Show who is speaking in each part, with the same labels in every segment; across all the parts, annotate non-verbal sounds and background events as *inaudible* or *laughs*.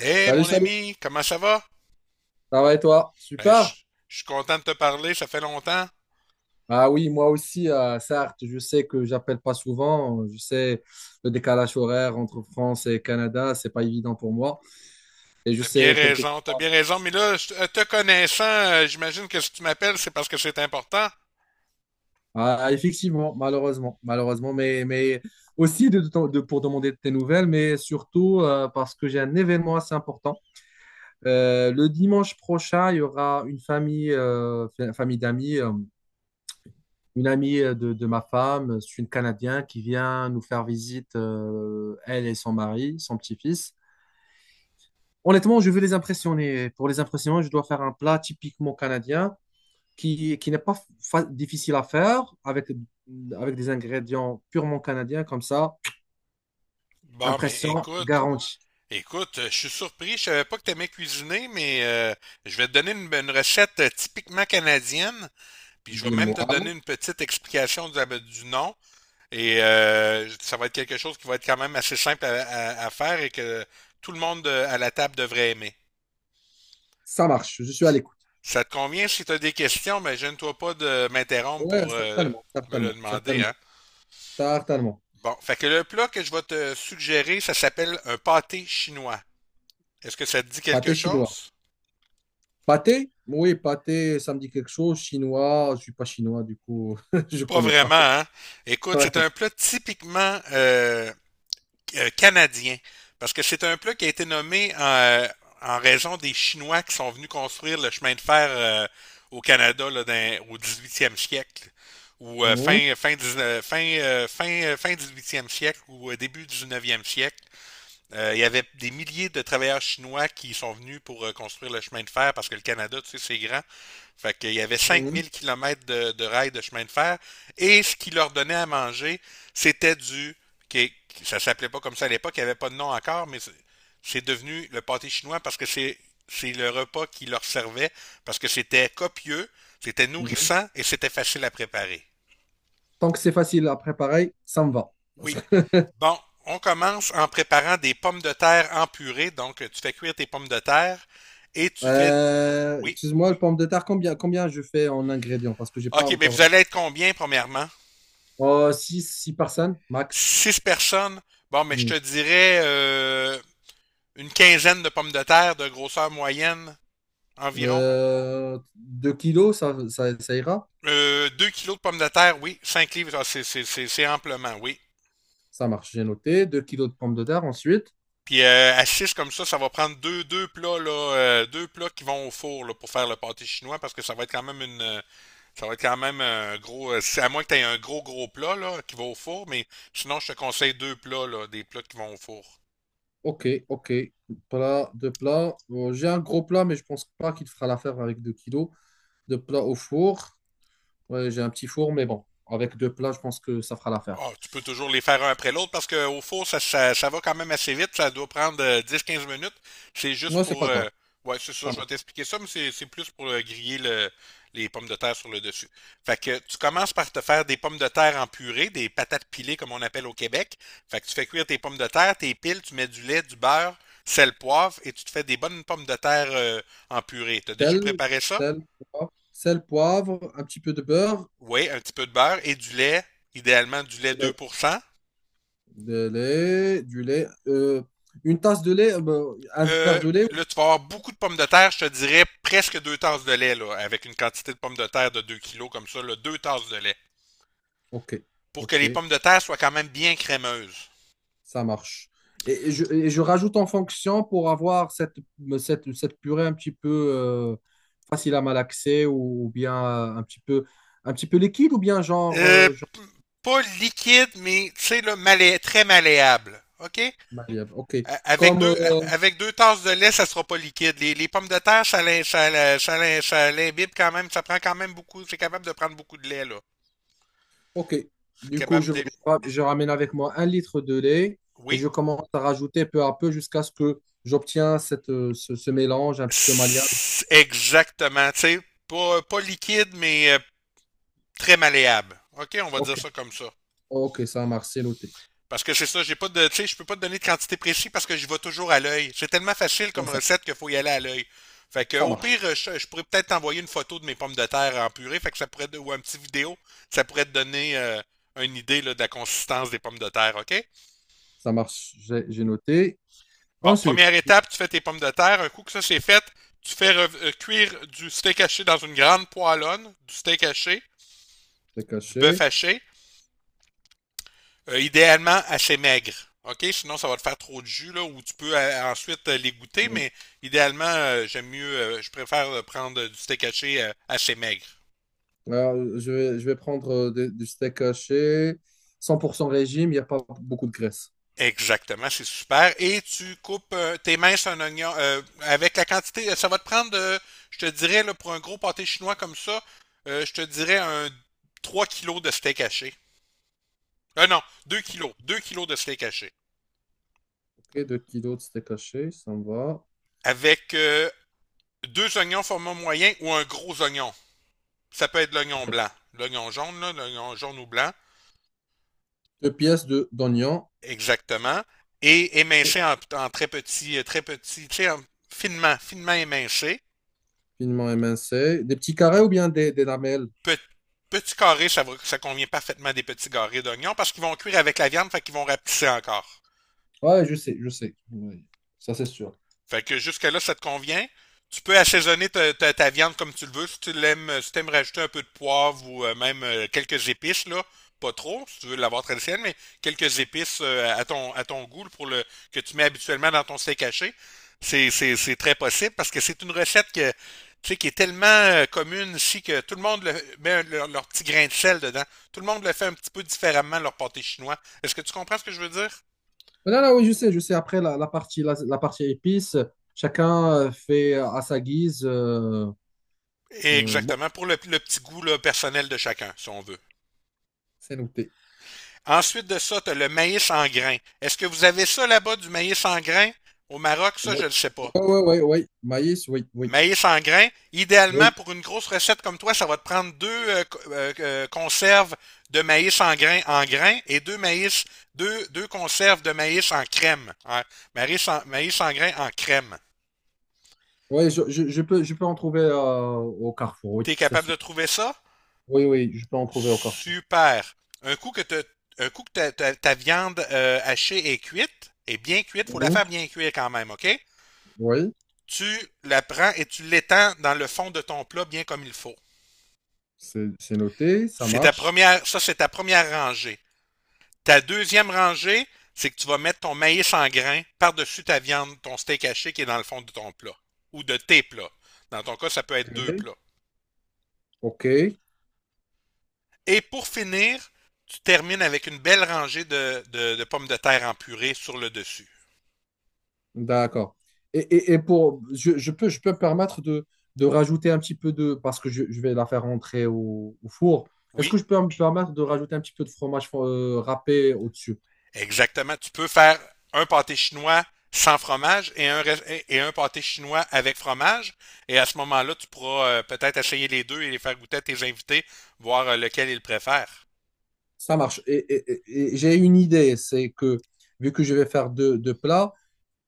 Speaker 1: Hé,
Speaker 2: Salut,
Speaker 1: mon
Speaker 2: salut.
Speaker 1: ami, comment ça va?
Speaker 2: Ça va et toi?
Speaker 1: Ben, je
Speaker 2: Super.
Speaker 1: je suis content de te parler, ça fait longtemps.
Speaker 2: Ah oui, moi aussi, certes, je sais que j'appelle pas souvent. Je sais le décalage horaire entre France et Canada, c'est pas évident pour moi. Et je sais quelquefois.
Speaker 1: T'as bien raison, mais là, te connaissant, j'imagine que si tu m'appelles, c'est parce que c'est important.
Speaker 2: Ah, effectivement, malheureusement, malheureusement, mais aussi pour demander tes nouvelles, mais surtout parce que j'ai un événement assez important. Le dimanche prochain, il y aura une famille d'amis. Une amie de ma femme, c'est une Canadienne qui vient nous faire visite, elle et son mari, son petit-fils. Honnêtement, je veux les impressionner. Pour les impressionner, je dois faire un plat typiquement canadien qui n'est pas difficile à faire avec des ingrédients purement canadiens comme ça.
Speaker 1: Bon, ben
Speaker 2: Impression
Speaker 1: écoute,
Speaker 2: garantie.
Speaker 1: écoute, je suis surpris, je savais pas que t'aimais cuisiner, mais je vais te donner une recette typiquement canadienne, puis je vais même
Speaker 2: Dis-moi,
Speaker 1: te donner une petite explication du nom, et ça va être quelque chose qui va être quand même assez simple à, à faire et que tout le monde à la table devrait aimer.
Speaker 2: ça marche, je suis à l'écoute.
Speaker 1: Ça te convient si tu as des questions, mais gêne-toi pas de m'interrompre
Speaker 2: Ouais,
Speaker 1: pour
Speaker 2: certainement,
Speaker 1: me le
Speaker 2: certainement,
Speaker 1: demander. Hein?
Speaker 2: certainement, certainement.
Speaker 1: Bon, fait que le plat que je vais te suggérer, ça s'appelle un pâté chinois. Est-ce que ça te dit quelque
Speaker 2: Pâté chinois.
Speaker 1: chose?
Speaker 2: Pâté? Oui, pâté, ça me dit quelque chose. Chinois, je ne suis pas chinois, du coup, *laughs* je ne
Speaker 1: Pas
Speaker 2: connais
Speaker 1: vraiment,
Speaker 2: pas.
Speaker 1: hein? Écoute, c'est
Speaker 2: Ouais.
Speaker 1: un plat typiquement canadien. Parce que c'est un plat qui a été nommé en raison des Chinois qui sont venus construire le chemin de fer au Canada là, au 18e siècle ou
Speaker 2: Mhm,
Speaker 1: fin 19 fin 18e siècle ou début 19e siècle. Il y avait des milliers de travailleurs chinois qui sont venus pour construire le chemin de fer parce que le Canada, tu sais, c'est grand. Fait qu'il y avait
Speaker 2: mhm,
Speaker 1: 5 000 km de rails de chemin de fer. Et ce qui leur donnait à manger, c'était du. Ça s'appelait pas comme ça à l'époque, il n'y avait pas de nom encore, mais c'est devenu le pâté chinois parce que c'est le repas qui leur servait, parce que c'était copieux, c'était
Speaker 2: mhm.
Speaker 1: nourrissant et c'était facile à préparer.
Speaker 2: Tant que c'est facile à préparer, ça me va. Parce
Speaker 1: Oui.
Speaker 2: que, *laughs*
Speaker 1: Bon, on commence en préparant des pommes de terre en purée. Donc, tu fais cuire tes pommes de terre et tu fais...
Speaker 2: Euh,
Speaker 1: Oui.
Speaker 2: excuse-moi, le pomme de terre, combien je fais en ingrédients? Parce que j'ai pas
Speaker 1: OK, mais vous
Speaker 2: encore.
Speaker 1: allez être combien, premièrement?
Speaker 2: Oh, six 6 personnes, max.
Speaker 1: Six personnes. Bon, mais je te
Speaker 2: Mm.
Speaker 1: dirais une quinzaine de pommes de terre de grosseur moyenne environ.
Speaker 2: 2 kilos, ça ira?
Speaker 1: 2 kilos de pommes de terre, oui. 5 livres, ah, c'est, c'est amplement, oui.
Speaker 2: Ça marche, j'ai noté. 2 kilos de pommes de terre ensuite.
Speaker 1: Puis à six comme ça va prendre deux plats là, deux plats qui vont au four là, pour faire le pâté chinois parce que ça va être quand même ça va être quand même un gros. C'est à moins que tu aies un gros, gros plat là, qui va au four, mais sinon, je te conseille deux plats, là, des plats qui vont au four.
Speaker 2: Ok, ok. Plat, deux plats. Bon, j'ai un gros plat, mais je pense pas qu'il fera l'affaire avec 2 kilos. Deux plats au four. Ouais, j'ai un petit four, mais bon, avec deux plats, je pense que ça fera l'affaire.
Speaker 1: Ah, tu peux toujours les faire un après l'autre parce qu'au four, ça va quand même assez vite. Ça doit prendre 10-15 minutes. C'est juste
Speaker 2: Ouais, c'est
Speaker 1: pour.
Speaker 2: pas grave.
Speaker 1: euh, Ouais, c'est ça,
Speaker 2: Ça
Speaker 1: je vais
Speaker 2: marche.
Speaker 1: t'expliquer ça, mais c'est plus pour griller les pommes de terre sur le dessus. Fait que tu commences par te faire des pommes de terre en purée, des patates pilées comme on appelle au Québec. Fait que tu fais cuire tes pommes de terre, tes piles, tu mets du lait, du beurre, sel, poivre et tu te fais des bonnes pommes de terre en purée. T'as déjà
Speaker 2: Sel,
Speaker 1: préparé ça?
Speaker 2: sel, sel, poivre, un petit peu de beurre,
Speaker 1: Oui, un petit peu de beurre et du lait, idéalement du lait
Speaker 2: lait,
Speaker 1: 2%.
Speaker 2: du lait. Une tasse de lait, ben, un
Speaker 1: Euh,
Speaker 2: verre de lait.
Speaker 1: Là, tu vas avoir beaucoup de pommes de terre, je te dirais presque 2 tasses de lait, là, avec une quantité de pommes de terre de 2 kilos comme ça, là, 2 tasses de lait,
Speaker 2: Ok,
Speaker 1: pour que
Speaker 2: ok.
Speaker 1: les pommes de terre soient quand même bien crémeuses.
Speaker 2: Ça marche. Et je rajoute en fonction pour avoir cette purée un petit peu euh, facile à malaxer ou bien un petit peu liquide ou bien genre,
Speaker 1: Euh,
Speaker 2: euh, genre
Speaker 1: p- Pas liquide, mais tu sais, là, très malléable. OK?
Speaker 2: malléable. OK.
Speaker 1: Avec
Speaker 2: Comme,
Speaker 1: deux, avec 2 tasses de lait, ça sera pas liquide. Les pommes de terre, ça l'imbibe quand même, ça prend quand même beaucoup, c'est capable de prendre beaucoup de lait, là.
Speaker 2: OK.
Speaker 1: C'est
Speaker 2: Du coup,
Speaker 1: capable de...
Speaker 2: je ramène avec moi 1 litre de lait et
Speaker 1: Oui.
Speaker 2: je commence à rajouter peu à peu jusqu'à ce que j'obtiens ce mélange un petit peu malléable.
Speaker 1: Exactement, tu sais, pas liquide, mais très malléable. OK, on va dire
Speaker 2: OK.
Speaker 1: ça comme ça.
Speaker 2: OK, ça marche, c'est noté.
Speaker 1: Parce que c'est ça, j'ai pas de. Tu sais, je peux pas te donner de quantité précise parce que j'y vais toujours à l'œil. C'est tellement facile comme
Speaker 2: C'est ça,
Speaker 1: recette qu'il faut y aller à l'œil. Fait que
Speaker 2: ça
Speaker 1: au pire,
Speaker 2: marche.
Speaker 1: je pourrais peut-être t'envoyer une photo de mes pommes de terre en purée, fait que ça pourrait, ou un petit vidéo, ça pourrait te donner une idée là, de la consistance des pommes de terre, OK?
Speaker 2: Ça marche, j'ai noté.
Speaker 1: Bon,
Speaker 2: Ensuite,
Speaker 1: première étape, tu fais tes pommes de terre. Un coup que ça c'est fait, tu fais cuire du steak haché dans une grande poêlonne, du steak haché,
Speaker 2: c'est
Speaker 1: du bœuf
Speaker 2: caché.
Speaker 1: haché. Idéalement assez maigre. OK? Sinon, ça va te faire trop de jus, là, ou tu peux ensuite les goûter, mais idéalement, je préfère prendre du steak haché assez maigre.
Speaker 2: Alors, je vais prendre du steak haché, 100% régime, il n'y a pas beaucoup de graisse.
Speaker 1: Exactement, c'est super. Et tu coupes tes minces un oignon avec la quantité. Ça va te prendre, je te dirais, là, pour un gros pâté chinois comme ça, je te dirais un 3 kilos de steak haché. Non, 2 kilos. 2 kilos de steak haché.
Speaker 2: Ok, 2 kilos de steak haché, ça me va.
Speaker 1: Avec deux oignons format moyen ou un gros oignon. Ça peut être l'oignon blanc, l'oignon jaune ou blanc,
Speaker 2: Deux pièces de d'oignons,
Speaker 1: exactement, et émincé en très petit, tu sais, finement, finement émincé.
Speaker 2: finement émincés. Des petits carrés ou bien des lamelles?
Speaker 1: Pe- Petit carré, ça, ça convient parfaitement des petits carrés d'oignons parce qu'ils vont cuire avec la viande, fait qu'ils vont rapetisser encore.
Speaker 2: Ouais, je sais, je sais. Oui, ça, c'est sûr.
Speaker 1: Fait que jusque-là, ça te convient. Tu peux assaisonner ta, ta viande comme tu le veux. Si tu l'aimes, si t'aimes rajouter un peu de poivre ou même quelques épices, là, pas trop, si tu veux l'avoir traditionnelle, mais quelques épices à ton goût pour le que tu mets habituellement dans ton steak haché. C'est, c'est très possible parce que c'est une recette que, tu sais, qui est tellement commune ici que tout le monde met leur, leur petit grain de sel dedans. Tout le monde le fait un petit peu différemment, leur pâté chinois. Est-ce que tu comprends ce que je veux dire?
Speaker 2: Mais là, là, oui, je sais, je sais. Après, la partie épices, chacun fait à sa guise. Bon,
Speaker 1: Exactement, pour le petit goût là, personnel de chacun, si on veut.
Speaker 2: c'est noté.
Speaker 1: Ensuite de ça, tu as le maïs en grains. Est-ce que vous avez ça là-bas, du maïs en grains? Au Maroc, ça, je
Speaker 2: Oui,
Speaker 1: ne le sais pas.
Speaker 2: oui, oui, oui. Maïs, oui, oui.
Speaker 1: Maïs en grains, idéalement,
Speaker 2: Oui,
Speaker 1: pour une grosse recette comme toi, ça va te prendre deux conserves de maïs en grains et deux maïs, deux conserves de maïs en crème. Hein. Maïs en, maïs en grains en crème.
Speaker 2: oui, je peux en trouver au Carrefour, oui,
Speaker 1: T'es
Speaker 2: c'est
Speaker 1: capable
Speaker 2: sûr.
Speaker 1: de trouver ça?
Speaker 2: Oui, oui, je peux en trouver au Carrefour.
Speaker 1: Super. Un coup que, un coup que ta, ta viande hachée est cuite, est bien cuite, il faut la
Speaker 2: Mhm.
Speaker 1: faire bien cuire quand même, OK?
Speaker 2: Oui,
Speaker 1: Tu la prends et tu l'étends dans le fond de ton plat bien comme il faut.
Speaker 2: c'est noté, ça
Speaker 1: C'est ta
Speaker 2: marche.
Speaker 1: première, ça c'est ta première rangée. Ta deuxième rangée, c'est que tu vas mettre ton maïs en grains par-dessus ta viande, ton steak haché qui est dans le fond de ton plat ou de tes plats. Dans ton cas, ça peut être deux
Speaker 2: Ok,
Speaker 1: plats.
Speaker 2: ok.
Speaker 1: Et pour finir, tu termines avec une belle rangée de, de pommes de terre en purée sur le dessus.
Speaker 2: D'accord. Et pour, je peux me permettre de rajouter un petit peu de, parce que je vais la faire rentrer au four. Est-ce
Speaker 1: Oui,
Speaker 2: que je peux me permettre de rajouter un petit peu de fromage râpé au-dessus?
Speaker 1: exactement. Tu peux faire un pâté chinois sans fromage et un pâté chinois avec fromage. Et à ce moment-là, tu pourras peut-être essayer les deux et les faire goûter à tes invités, voir lequel ils préfèrent.
Speaker 2: Ça marche. Et j'ai une idée, c'est que vu que je vais faire deux plats,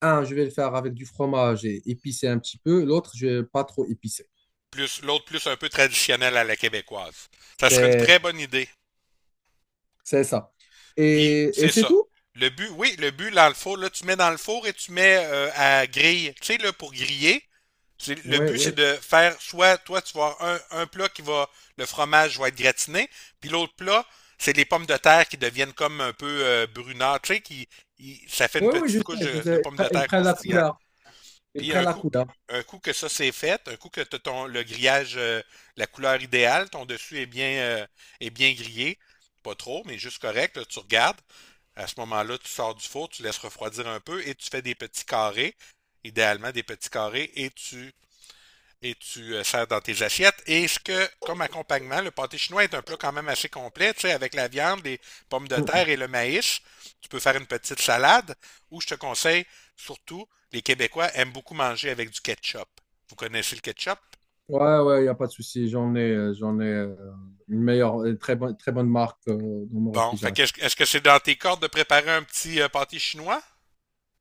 Speaker 2: un, je vais le faire avec du fromage et épicé un petit peu. L'autre, je vais pas trop épicé.
Speaker 1: Plus l'autre plus un peu traditionnel à la québécoise. Ça serait une
Speaker 2: C'est
Speaker 1: très bonne idée.
Speaker 2: c'est ça.
Speaker 1: Puis
Speaker 2: Et
Speaker 1: c'est
Speaker 2: c'est
Speaker 1: ça.
Speaker 2: tout?
Speaker 1: Le but, oui, le but dans le four, là, tu mets dans le four et tu mets à griller. Tu sais, là, pour griller, le
Speaker 2: Oui,
Speaker 1: but, c'est
Speaker 2: oui.
Speaker 1: de faire soit toi, tu vas avoir un plat qui va, le fromage va être gratiné, puis l'autre plat, c'est les pommes de terre qui deviennent comme un peu brunâtres, tu sais, qui, ça fait une
Speaker 2: Oui, oui, je
Speaker 1: petite couche
Speaker 2: sais, je
Speaker 1: de
Speaker 2: sais.
Speaker 1: pommes de
Speaker 2: Il
Speaker 1: terre
Speaker 2: prend la
Speaker 1: croustillant.
Speaker 2: couleur. Ils
Speaker 1: Puis
Speaker 2: prennent la couleur.
Speaker 1: un coup que ça c'est fait, un coup que t'as ton, le grillage, la couleur idéale, ton dessus est bien grillé, pas trop, mais juste correct, là, tu regardes. À ce moment-là, tu sors du four, tu laisses refroidir un peu et tu fais des petits carrés, idéalement des petits carrés, et tu sers dans tes assiettes. Et ce que, comme accompagnement, le pâté chinois est un plat quand même assez complet, tu sais, avec la viande, les pommes de terre
Speaker 2: Mm.
Speaker 1: et le maïs. Tu peux faire une petite salade, ou je te conseille, surtout, les Québécois aiment beaucoup manger avec du ketchup. Vous connaissez le ketchup?
Speaker 2: Ouais, ouais, il n'y a pas de souci. J'en ai une meilleure, très bonne marque dans mon
Speaker 1: Bon, fait
Speaker 2: réfrigérateur.
Speaker 1: que est-ce que c'est dans tes cordes de préparer un petit pâté chinois?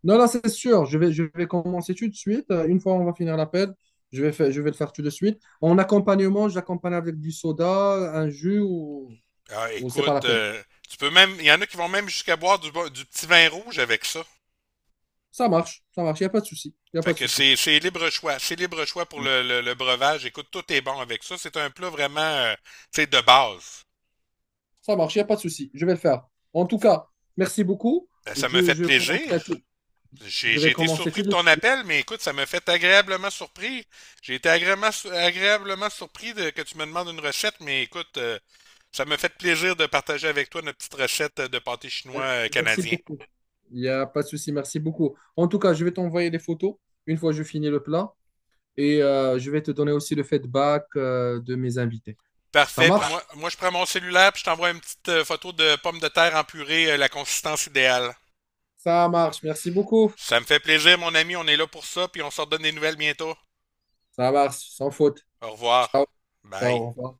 Speaker 2: Non, là, c'est sûr. Je vais commencer tout de suite. Une fois on va finir l'appel, je vais le faire tout de suite. En accompagnement, j'accompagne avec du soda, un jus
Speaker 1: Ah,
Speaker 2: ou c'est pas la
Speaker 1: écoute,
Speaker 2: peine.
Speaker 1: tu peux même, il y en a qui vont même jusqu'à boire du, du petit vin rouge avec ça.
Speaker 2: Ça marche, il n'y a pas de souci, il n'y a
Speaker 1: Fait
Speaker 2: pas de
Speaker 1: que
Speaker 2: souci.
Speaker 1: c'est libre choix. C'est libre choix pour le, le breuvage. Écoute, tout est bon avec ça. C'est un plat vraiment, tu sais, de base.
Speaker 2: Ça marche, il n'y a pas de souci, je vais le faire. En tout cas, merci beaucoup.
Speaker 1: Ben, ça me
Speaker 2: Je,
Speaker 1: fait
Speaker 2: je commencerai tout.
Speaker 1: plaisir. J'ai
Speaker 2: Je
Speaker 1: j'ai
Speaker 2: vais
Speaker 1: été
Speaker 2: commencer
Speaker 1: surpris
Speaker 2: tout
Speaker 1: de
Speaker 2: de
Speaker 1: ton
Speaker 2: suite.
Speaker 1: appel, mais écoute, ça me fait agréablement surpris. J'ai été agréablement, agréablement surpris de, que tu me demandes une recette, mais écoute, ça me fait plaisir de partager avec toi notre petite recette de pâté chinois
Speaker 2: Merci
Speaker 1: canadien.
Speaker 2: beaucoup. Il n'y a pas de souci, merci beaucoup. En tout cas, je vais t'envoyer les photos une fois que je finis le plat et je vais te donner aussi le feedback de mes invités. Ça
Speaker 1: Parfait. Puis moi,
Speaker 2: marche?
Speaker 1: je prends mon cellulaire, puis je t'envoie une petite photo de pommes de terre en purée, la consistance idéale.
Speaker 2: Ça marche, merci beaucoup.
Speaker 1: Ça me fait plaisir, mon ami. On est là pour ça, puis on se redonne des nouvelles bientôt.
Speaker 2: Ça marche, sans faute.
Speaker 1: Au revoir.
Speaker 2: Ciao,
Speaker 1: Bye.
Speaker 2: au revoir.